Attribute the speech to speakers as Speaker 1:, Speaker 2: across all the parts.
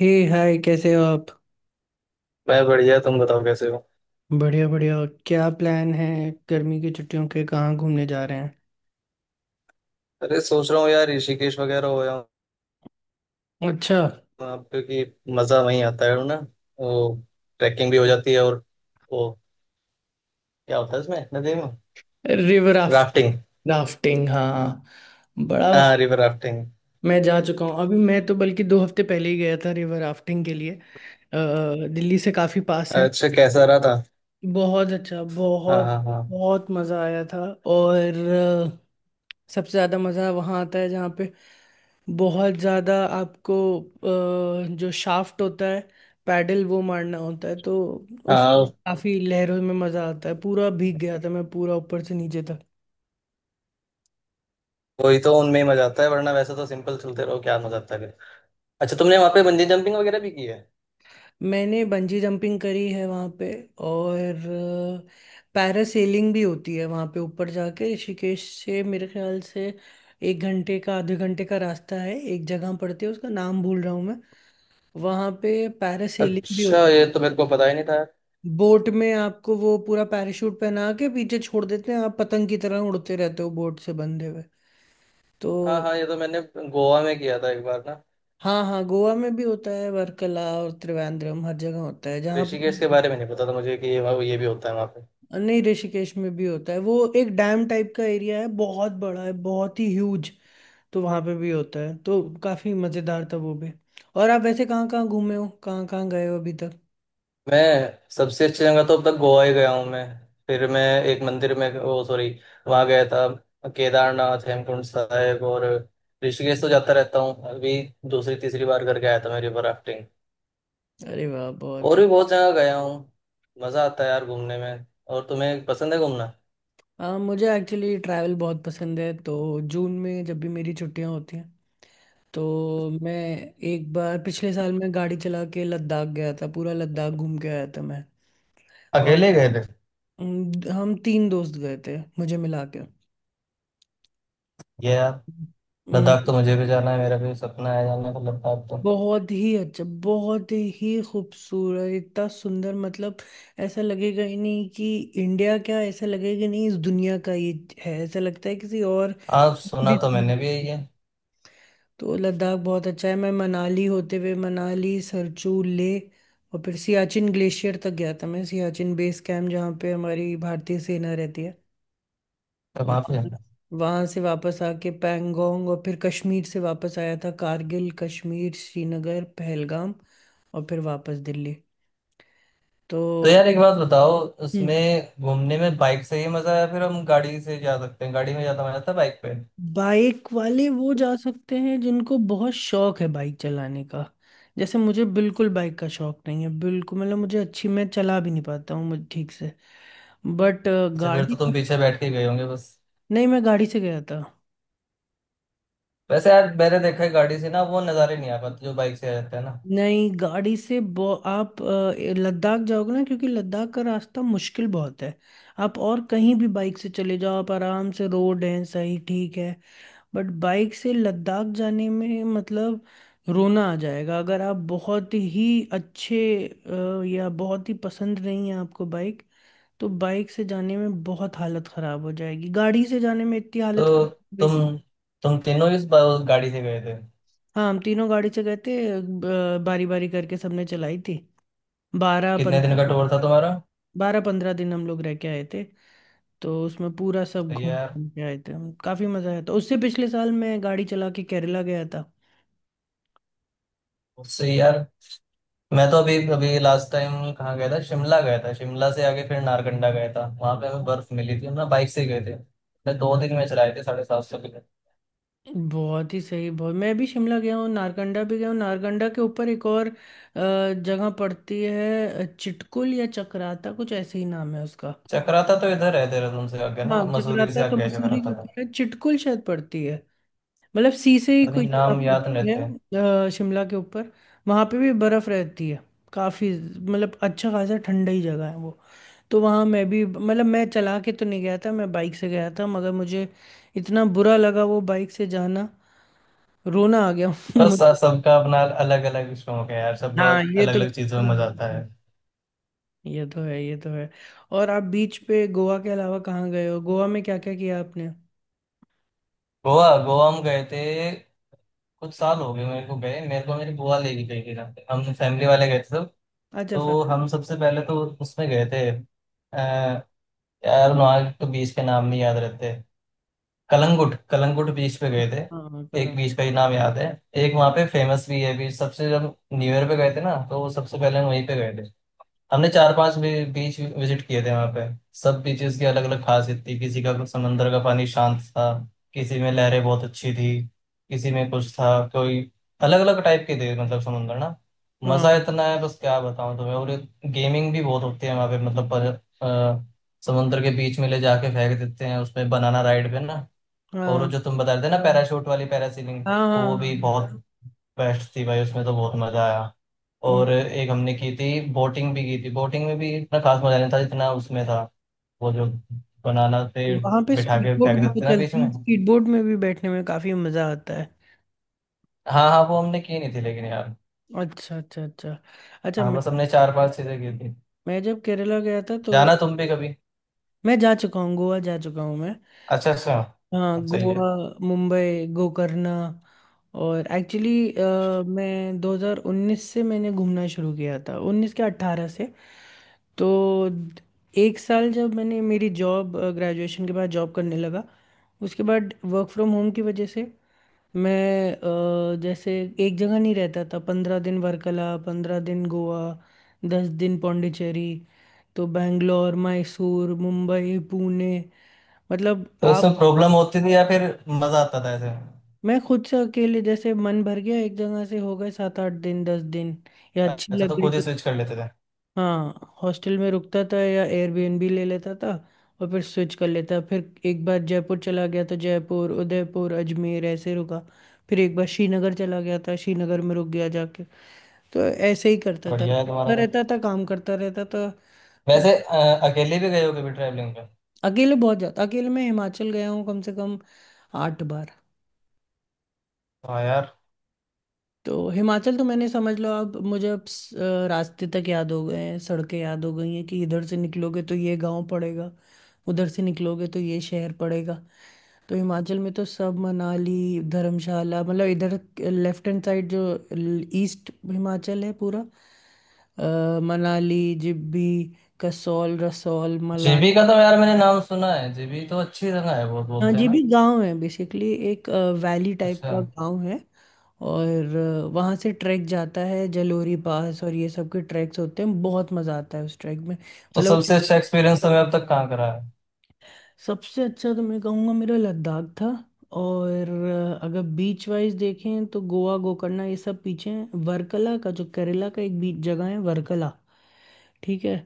Speaker 1: हे hi, कैसे हो आप।
Speaker 2: मैं बढ़िया। तुम बताओ कैसे हो।
Speaker 1: बढ़िया बढ़िया। क्या प्लान है, गर्मी की छुट्टियों के कहाँ घूमने जा रहे हैं।
Speaker 2: अरे सोच रहा हूँ यार, ऋषिकेश वगैरह हो आऊँ।
Speaker 1: अच्छा।
Speaker 2: वहाँ पे कि मजा वहीं आता है ना। वो ट्रैकिंग भी हो जाती है। और वो क्या होता है इसमें नदी में।
Speaker 1: River raft.
Speaker 2: राफ्टिंग।
Speaker 1: राफ्टिंग हाँ। बड़ा।
Speaker 2: हाँ, रिवर राफ्टिंग।
Speaker 1: मैं जा चुका हूँ, अभी मैं तो बल्कि 2 हफ्ते पहले ही गया था रिवर राफ्टिंग के लिए। दिल्ली से काफ़ी पास है।
Speaker 2: अच्छा, कैसा रहा था।
Speaker 1: बहुत अच्छा,
Speaker 2: हाँ
Speaker 1: बहुत।
Speaker 2: हाँ हाँ।
Speaker 1: बहुत मज़ा आया था। और अ, सबसे ज़्यादा मज़ा वहाँ आता है जहाँ पे बहुत ज़्यादा आपको, जो शाफ्ट होता है, पैडल वो मारना होता है, तो उसमें
Speaker 2: हाँ
Speaker 1: काफ़ी लहरों में मज़ा आता है, पूरा भीग गया था मैं, पूरा ऊपर से नीचे तक।
Speaker 2: वही तो उनमें ही मजा आता है, वरना वैसे तो सिंपल चलते रहो, क्या मजा आता है फिर। अच्छा तुमने वहाँ पे बंजी जंपिंग वगैरह भी की है।
Speaker 1: मैंने बंजी जंपिंग करी है वहाँ पे। और पैरासेलिंग भी होती है वहाँ पे, ऊपर जाके ऋषिकेश से मेरे ख्याल से 1 घंटे का, ½ घंटे का रास्ता है, एक जगह पड़ती है, उसका नाम भूल रहा हूँ मैं। वहाँ पे पैरासेलिंग भी
Speaker 2: अच्छा,
Speaker 1: होती
Speaker 2: ये
Speaker 1: है।
Speaker 2: तो मेरे को पता ही नहीं था।
Speaker 1: बोट में आपको वो पूरा पैराशूट पहना के पीछे छोड़ देते हैं, आप पतंग की तरह उड़ते रहते हो बोट से बंधे हुए, तो।
Speaker 2: हाँ हाँ, ये तो मैंने गोवा में किया था एक बार ना।
Speaker 1: हाँ हाँ, गोवा में भी होता है, वर्कला और त्रिवेंद्रम, हर जगह होता है जहाँ
Speaker 2: ऋषिकेश के
Speaker 1: पे।
Speaker 2: बारे में नहीं पता था मुझे कि ये भी होता है वहाँ पे।
Speaker 1: नहीं, ऋषिकेश में भी होता है, वो एक डैम टाइप का एरिया है, बहुत बड़ा है, बहुत ही ह्यूज। तो वहाँ पे भी होता है, तो काफी मजेदार था वो भी। और आप वैसे कहाँ कहाँ घूमे हो, कहाँ कहाँ गए हो अभी तक।
Speaker 2: मैं सबसे अच्छी जगह तो अब तक गोवा ही गया हूँ मैं। फिर मैं एक मंदिर में वो, सॉरी, वहाँ गया था। केदारनाथ, हेमकुंड साहिब और ऋषिकेश तो जाता रहता हूँ। अभी दूसरी तीसरी बार करके आया था मैं रिवर राफ्टिंग।
Speaker 1: अरे वाह, बहुत ही।
Speaker 2: और भी बहुत जगह गया हूँ। मज़ा आता है यार घूमने में। और तुम्हें पसंद है घूमना।
Speaker 1: मुझे एक्चुअली ट्रैवल बहुत पसंद है। तो जून में जब भी मेरी छुट्टियाँ होती हैं तो मैं, एक बार पिछले साल मैं गाड़ी चला के लद्दाख गया था, पूरा लद्दाख घूम के आया था मैं। और
Speaker 2: अकेले गए थे।
Speaker 1: हम तीन दोस्त गए थे, मुझे मिला
Speaker 2: ये यार
Speaker 1: के।
Speaker 2: लद्दाख तो मुझे भी जाना है। मेरा भी सपना है जाने का लद्दाख तो।
Speaker 1: बहुत ही अच्छा, बहुत ही खूबसूरत, इतना सुंदर, मतलब ऐसा लगेगा ही नहीं कि इंडिया, क्या ऐसा लगेगा ही नहीं इस दुनिया का ये है, ऐसा लगता है किसी और
Speaker 2: आप, सुना
Speaker 1: दूसरी
Speaker 2: तो मैंने भी
Speaker 1: दुनिया में।
Speaker 2: यही है।
Speaker 1: तो लद्दाख बहुत अच्छा है। मैं मनाली होते हुए, मनाली सरचू ले, और फिर सियाचिन ग्लेशियर तक गया था मैं, सियाचिन बेस कैंप, जहाँ पे हमारी भारतीय सेना रहती है।
Speaker 2: तो वहाँ पे
Speaker 1: वहां से वापस आके पैंगोंग, और फिर कश्मीर से वापस आया था, कारगिल कश्मीर श्रीनगर पहलगाम, और फिर वापस दिल्ली, तो।
Speaker 2: तो यार एक बात बताओ।
Speaker 1: हम्म
Speaker 2: उसमें घूमने में बाइक से ही मजा आया, फिर हम गाड़ी से जा सकते हैं। गाड़ी में ज्यादा मजा आता है बाइक पे।
Speaker 1: बाइक वाले वो जा सकते हैं जिनको बहुत शौक है बाइक चलाने का। जैसे मुझे बिल्कुल बाइक का शौक नहीं है, बिल्कुल, मतलब मुझे अच्छी, मैं चला भी नहीं पाता हूँ, मुझे ठीक से। बट
Speaker 2: अच्छा, फिर
Speaker 1: गाड़ी,
Speaker 2: तो तुम पीछे बैठ के गए होंगे बस।
Speaker 1: नहीं, मैं गाड़ी से गया था।
Speaker 2: वैसे यार मैंने देखा है गाड़ी से ना वो नज़ारे नहीं आ पाते जो बाइक से आ जाते हैं ना।
Speaker 1: नहीं, गाड़ी से आप लद्दाख जाओगे ना, क्योंकि लद्दाख का रास्ता मुश्किल बहुत है। आप और कहीं भी बाइक से चले जाओ, आप आराम से, रोड है सही, ठीक है। बट बाइक से लद्दाख जाने में, मतलब रोना आ जाएगा, अगर आप बहुत ही अच्छे, या बहुत ही पसंद नहीं है आपको बाइक, तो बाइक से जाने में बहुत हालत ख़राब हो जाएगी, गाड़ी से जाने में इतनी हालत
Speaker 2: तो
Speaker 1: ख़राब हो गई थी।
Speaker 2: तुम तुम तीनों इस बा- गाड़ी से गए थे।
Speaker 1: हाँ, हम तीनों गाड़ी से गए थे, बारी बारी करके सबने चलाई थी। बारह
Speaker 2: कितने दिन का
Speaker 1: पंद्रह
Speaker 2: टूर था तुम्हारा।
Speaker 1: 12-15 दिन हम लोग रह के आए थे, तो उसमें पूरा सब
Speaker 2: सही है
Speaker 1: घूम
Speaker 2: यार।
Speaker 1: घूम के आए थे हम, काफी मजा आया था। उससे पिछले साल मैं गाड़ी चला के केरला गया था।
Speaker 2: उससे यार मैं तो अभी अभी लास्ट टाइम कहाँ गया था, शिमला गया था। शिमला से आगे फिर नारकंडा गया था, वहां पे हमें बर्फ मिली थी। हम ना बाइक से गए थे। मैं 2 दिन में चलाए थे 750।
Speaker 1: बहुत ही सही, बहुत। मैं भी शिमला गया हूँ, नारकंडा भी गया हूँ, नारकंडा के ऊपर एक और जगह पड़ती है, चिटकुल या चक्राता, कुछ ऐसे ही नाम है उसका।
Speaker 2: चक्राता तो इधर है देहरादून से आगे
Speaker 1: हाँ,
Speaker 2: ना, मसूरी
Speaker 1: चक्राता
Speaker 2: से
Speaker 1: तो
Speaker 2: आगे है
Speaker 1: मसूरी
Speaker 2: चक्राता
Speaker 1: के
Speaker 2: का।
Speaker 1: ऊपर है, चिटकुल शायद पड़ती है, मतलब सीसे ही
Speaker 2: अरे
Speaker 1: कोई जगह
Speaker 2: नाम याद नहीं
Speaker 1: पड़ती है
Speaker 2: रहते।
Speaker 1: शिमला के ऊपर। वहाँ पे भी बर्फ रहती है काफी, मतलब अच्छा खासा ठंडा ही जगह है वो। तो वहाँ मैं भी, मतलब मैं चला के तो नहीं गया था, मैं बाइक से गया था, मगर मुझे इतना बुरा लगा वो बाइक से जाना, रोना आ गया
Speaker 2: बस
Speaker 1: मुझे,
Speaker 2: स- सबका अपना अलग अलग शौक है यार। सबको
Speaker 1: हाँ ये
Speaker 2: अलग
Speaker 1: तो
Speaker 2: अलग
Speaker 1: तो
Speaker 2: चीजों में मजा आता
Speaker 1: मानता हूँ।
Speaker 2: है।
Speaker 1: ये तो है, ये तो है। और आप बीच पे गोवा के अलावा कहाँ गए हो, गोवा में क्या क्या किया आपने।
Speaker 2: गोवा, गोवा हम गए थे। कुछ साल हो गए मेरे को गए। मेरे को मेरी बुआ लेके गई थी ना। हम फैमिली वाले गए थे सब।
Speaker 1: अच्छा,
Speaker 2: तो
Speaker 1: फैमिली।
Speaker 2: हम सबसे पहले तो उसमें गए थे। यार नॉर्थ तो बीच के नाम नहीं याद रहते। कलंगुट, कलंगुट बीच पे गए थे।
Speaker 1: हाँ। कल
Speaker 2: एक बीच का ही नाम याद है। एक वहाँ पे फेमस भी है बीच सबसे, जब न्यू ईयर पे गए थे ना तो सबसे पहले हम वहीं पे गए। हमने 4-5 भी, बीच विजिट किए थे वहां पे। सब बीचेस की अलग अलग खासियत थी। किसी का समंदर का पानी शांत था, किसी में लहरें बहुत अच्छी थी, किसी में कुछ था कोई। अलग अलग टाइप के थे मतलब समंदर ना। मजा
Speaker 1: हाँ
Speaker 2: इतना है बस, क्या बताऊं तुम्हें। और गेमिंग भी बहुत होती है वहां पे। मतलब पर, अ, समंदर के बीच में ले जाके फेंक देते हैं उसमें बनाना राइड पे ना।
Speaker 1: हाँ
Speaker 2: और वो
Speaker 1: हाँ
Speaker 2: जो तुम बता रहे थे ना पैराशूट वाली पैरासीलिंग,
Speaker 1: हाँ
Speaker 2: वो भी
Speaker 1: हाँ,
Speaker 2: बहुत बेस्ट थी भाई। उसमें तो बहुत मजा आया। और
Speaker 1: हाँ।
Speaker 2: एक हमने की थी, बोटिंग भी की थी। बोटिंग में भी इतना खास मजा नहीं था जितना उसमें था। वो जो बनाना से
Speaker 1: वहां पे
Speaker 2: बिठा
Speaker 1: स्पीड
Speaker 2: के
Speaker 1: बोट
Speaker 2: फेंक
Speaker 1: भी
Speaker 2: देते
Speaker 1: तो
Speaker 2: थे ना बीच
Speaker 1: चलती है,
Speaker 2: में।
Speaker 1: स्पीड बोट में भी बैठने में काफी मजा आता है।
Speaker 2: हाँ हाँ, वो हमने की नहीं थी लेकिन यार।
Speaker 1: अच्छा अच्छा अच्छा। अच्छा
Speaker 2: हाँ,
Speaker 1: मैं
Speaker 2: बस हमने 4-5 चीजें की थी।
Speaker 1: मैं जब केरला गया था, तो
Speaker 2: जाना तुम भी कभी।
Speaker 1: मैं जा चुका हूँ गोवा, जा चुका हूँ मैं।
Speaker 2: अच्छा अच्छा।
Speaker 1: हाँ,
Speaker 2: हाँ, सही
Speaker 1: गोवा,
Speaker 2: है।
Speaker 1: मुंबई, गोकर्णा। और एक्चुअली मैं 2019 से, मैंने घूमना शुरू किया था 19 के 18 से। तो एक साल, जब मैंने मेरी जॉब, ग्रेजुएशन के बाद जॉब करने लगा, उसके बाद वर्क फ्रॉम होम की वजह से मैं, जैसे एक जगह नहीं रहता था, 15 दिन वर्कला, 15 दिन गोवा, 10 दिन पौंडीचेरी, तो बैंगलोर मैसूर मुंबई पुणे, मतलब।
Speaker 2: तो
Speaker 1: आप।
Speaker 2: उसमें प्रॉब्लम होती थी या फिर मजा आता था ऐसे।
Speaker 1: मैं खुद से अकेले, जैसे मन भर गया एक जगह से, हो गए 7-8 दिन 10 दिन, या अच्छी
Speaker 2: अच्छा
Speaker 1: लग
Speaker 2: तो
Speaker 1: गई।
Speaker 2: खुद ही स्विच कर लेते थे।
Speaker 1: हाँ, हॉस्टल में रुकता था या एयरबीएनबी ले लेता था, और फिर स्विच कर लेता। फिर एक बार जयपुर चला गया, तो जयपुर उदयपुर अजमेर ऐसे रुका। फिर एक बार श्रीनगर चला गया था, श्रीनगर में रुक गया जाके। तो ऐसे ही करता था,
Speaker 2: बढ़िया है
Speaker 1: करता
Speaker 2: तुम्हारा तो।
Speaker 1: रहता था, काम करता रहता था। तो
Speaker 2: वैसे अकेले भी गए हो कभी ट्रैवलिंग पे।
Speaker 1: अकेले बहुत जाता, अकेले मैं हिमाचल गया हूँ कम से कम 8 बार।
Speaker 2: हाँ यार,
Speaker 1: तो हिमाचल तो मैंने, समझ लो अब मुझे अब रास्ते तक याद हो गए हैं, सड़कें याद हो गई हैं, कि इधर से निकलोगे तो ये गांव पड़ेगा, उधर से निकलोगे तो ये शहर पड़ेगा। तो हिमाचल में तो सब मनाली धर्मशाला, मतलब इधर लेफ्ट हैंड साइड जो ईस्ट हिमाचल है पूरा, मनाली जिब्बी, कसौल रसौल
Speaker 2: जीबी का
Speaker 1: मलाना।
Speaker 2: तो यार मैंने नाम सुना है। जीबी तो अच्छी जगह है बहुत,
Speaker 1: हाँ,
Speaker 2: बोलते हैं
Speaker 1: जी
Speaker 2: ना।
Speaker 1: भी गांव है बेसिकली, एक वैली टाइप
Speaker 2: अच्छा,
Speaker 1: का गांव है। और वहाँ से ट्रैक जाता है जलोरी पास, और ये सब के ट्रैक्स होते हैं, बहुत मज़ा आता है उस ट्रैक में।
Speaker 2: तो
Speaker 1: मतलब
Speaker 2: सबसे अच्छा एक्सपीरियंस हमें अब तक कहाँ करा है।
Speaker 1: सबसे अच्छा तो मैं कहूँगा मेरा लद्दाख था। और अगर बीच वाइज देखें, तो गोवा गोकर्णा ये सब पीछे हैं, वर्कला का, जो केरला का एक बीच जगह है वर्कला, ठीक है,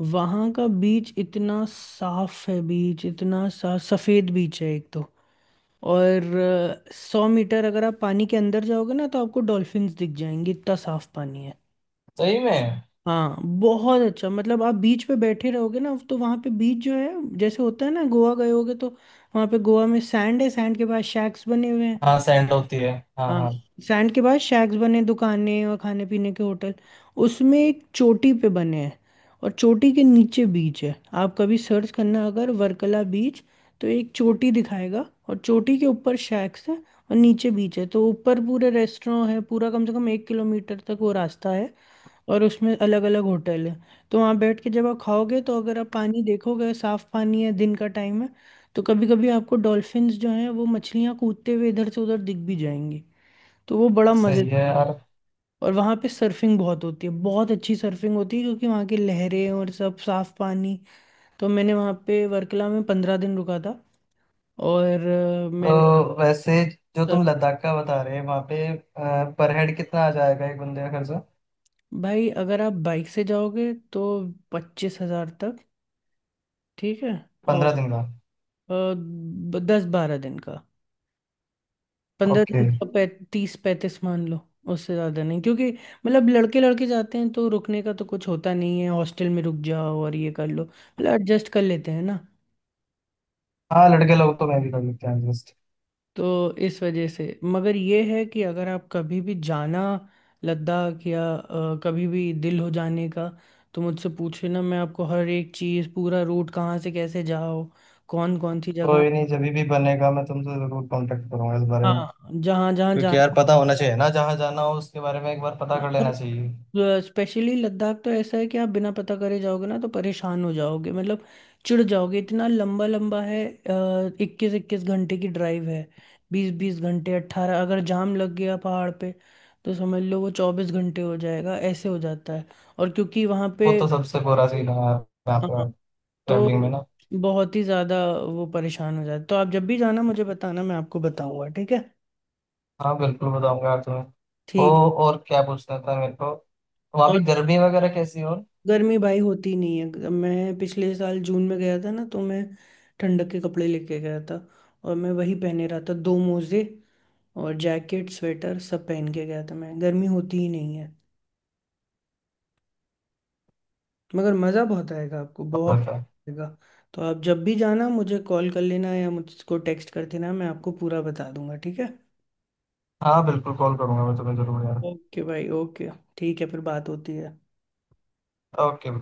Speaker 1: वहाँ का बीच इतना साफ है, बीच इतना सा सफ़ेद बीच है एक तो। और 100 मीटर अगर आप पानी के अंदर जाओगे ना, तो आपको डॉल्फिन्स दिख जाएंगे, इतना साफ पानी है।
Speaker 2: सही में।
Speaker 1: हाँ, बहुत अच्छा, मतलब आप बीच पे बैठे रहोगे ना तो वहाँ पे बीच जो है, जैसे होता है ना, गोवा गए होगे तो वहाँ पे गोवा में सैंड है, सैंड के पास शैक्स बने हुए हैं।
Speaker 2: हाँ सैंड होती है। हाँ
Speaker 1: हाँ।
Speaker 2: हाँ।
Speaker 1: सैंड के बाद शैक्स बने, दुकानें और खाने पीने के होटल, उसमें एक चोटी पे बने हैं, और चोटी के नीचे बीच है। आप कभी सर्च करना अगर वर्कला बीच, तो एक चोटी दिखाएगा, और चोटी के ऊपर शैक्स है, और नीचे बीच है, तो ऊपर पूरे रेस्टोरेंट है, पूरा कम से कम 1 किलोमीटर तक वो रास्ता है, और उसमें अलग अलग होटल है। तो वहाँ बैठ के जब आप खाओगे, तो अगर आप पानी देखोगे, साफ पानी है, दिन का टाइम है, तो कभी कभी आपको डॉल्फिन्स जो हैं, वो मछलियाँ, कूदते हुए इधर से उधर दिख भी जाएंगी, तो वो बड़ा
Speaker 2: सही है
Speaker 1: मज़ेदार है।
Speaker 2: यार।
Speaker 1: और वहाँ पे सर्फिंग बहुत होती है, बहुत अच्छी सर्फिंग होती है, क्योंकि वहाँ की लहरें, और सब साफ पानी, तो मैंने वहाँ पे वर्कला में 15 दिन रुका था। और मैंने
Speaker 2: तो वैसे जो तुम
Speaker 1: सर्फ-
Speaker 2: लद्दाख का बता रहे हैं वहाँ पे पर हेड कितना आ जाएगा एक बंदे का खर्चा।
Speaker 1: भाई अगर आप बाइक से जाओगे तो 25 हजार तक, ठीक है। और
Speaker 2: 15 दिन का।
Speaker 1: अ, 10-12 दिन का, पंद्रह
Speaker 2: ओके।
Speaker 1: दिन का 30-35 मान लो, उससे ज़्यादा नहीं, क्योंकि मतलब लड़के लड़के जाते हैं तो रुकने का तो कुछ होता नहीं है, हॉस्टल में रुक जाओ और ये कर लो, मतलब एडजस्ट कर लेते हैं ना।
Speaker 2: हाँ लड़के लोग तो मैं भी कर लेते हैं एडजस्ट।
Speaker 1: तो इस वजह से, मगर ये है कि अगर आप कभी भी जाना लद्दाख, या कभी भी दिल हो जाने का, तो मुझसे पूछे ना, मैं आपको हर एक चीज़, पूरा रूट कहाँ से कैसे जाओ, कौन कौन सी जगह।
Speaker 2: कोई नहीं, जब भी बनेगा मैं तुमसे जरूर कांटेक्ट करूंगा इस बारे में।
Speaker 1: हाँ, जहाँ जहाँ
Speaker 2: क्योंकि यार
Speaker 1: जाना।
Speaker 2: पता होना चाहिए ना जहाँ जाना हो, उसके बारे में एक बार पता
Speaker 1: हाँ,
Speaker 2: कर लेना चाहिए।
Speaker 1: और स्पेशली लद्दाख तो ऐसा है कि आप बिना पता करे जाओगे ना तो परेशान हो जाओगे, मतलब चिढ़ जाओगे, इतना लंबा लंबा है, 21-21 घंटे की ड्राइव है, 20-20 घंटे, 18, अगर जाम लग गया पहाड़ पे, तो समझ लो वो 24 घंटे हो जाएगा, ऐसे हो जाता है। और क्योंकि वहाँ
Speaker 2: वो
Speaker 1: पे,
Speaker 2: तो सबसे कोरा सीन है यार, यहाँ
Speaker 1: हाँ,
Speaker 2: पे ट्रैवलिंग में
Speaker 1: तो
Speaker 2: ना।
Speaker 1: बहुत ही ज़्यादा वो परेशान हो जाता है, तो आप जब भी जाना मुझे बताना, मैं आपको बताऊंगा, ठीक है।
Speaker 2: हाँ बिल्कुल बताऊंगा यार तुम्हें। ओ,
Speaker 1: ठीक।
Speaker 2: और क्या पूछना था मेरे को। वहाँ भी
Speaker 1: और
Speaker 2: गर्मी वगैरह कैसी है, और
Speaker 1: गर्मी भाई होती नहीं है, मैं पिछले साल जून में गया था ना, तो मैं ठंडक के कपड़े लेके गया था, और मैं वही पहने रहा था, दो मोजे और जैकेट स्वेटर सब पहन के गया था मैं, गर्मी होती ही नहीं है, मगर मज़ा बहुत आएगा आपको, बहुत
Speaker 2: कॉल पे।
Speaker 1: आएगा। तो आप जब भी जाना मुझे कॉल कर लेना, या मुझको टेक्स्ट कर देना, मैं आपको पूरा बता दूंगा, ठीक है।
Speaker 2: हाँ बिल्कुल, कॉल करूंगा मैं तुम्हें जरूर यार।
Speaker 1: ओके भाई ओके, ठीक है, फिर बात होती है।
Speaker 2: ओके।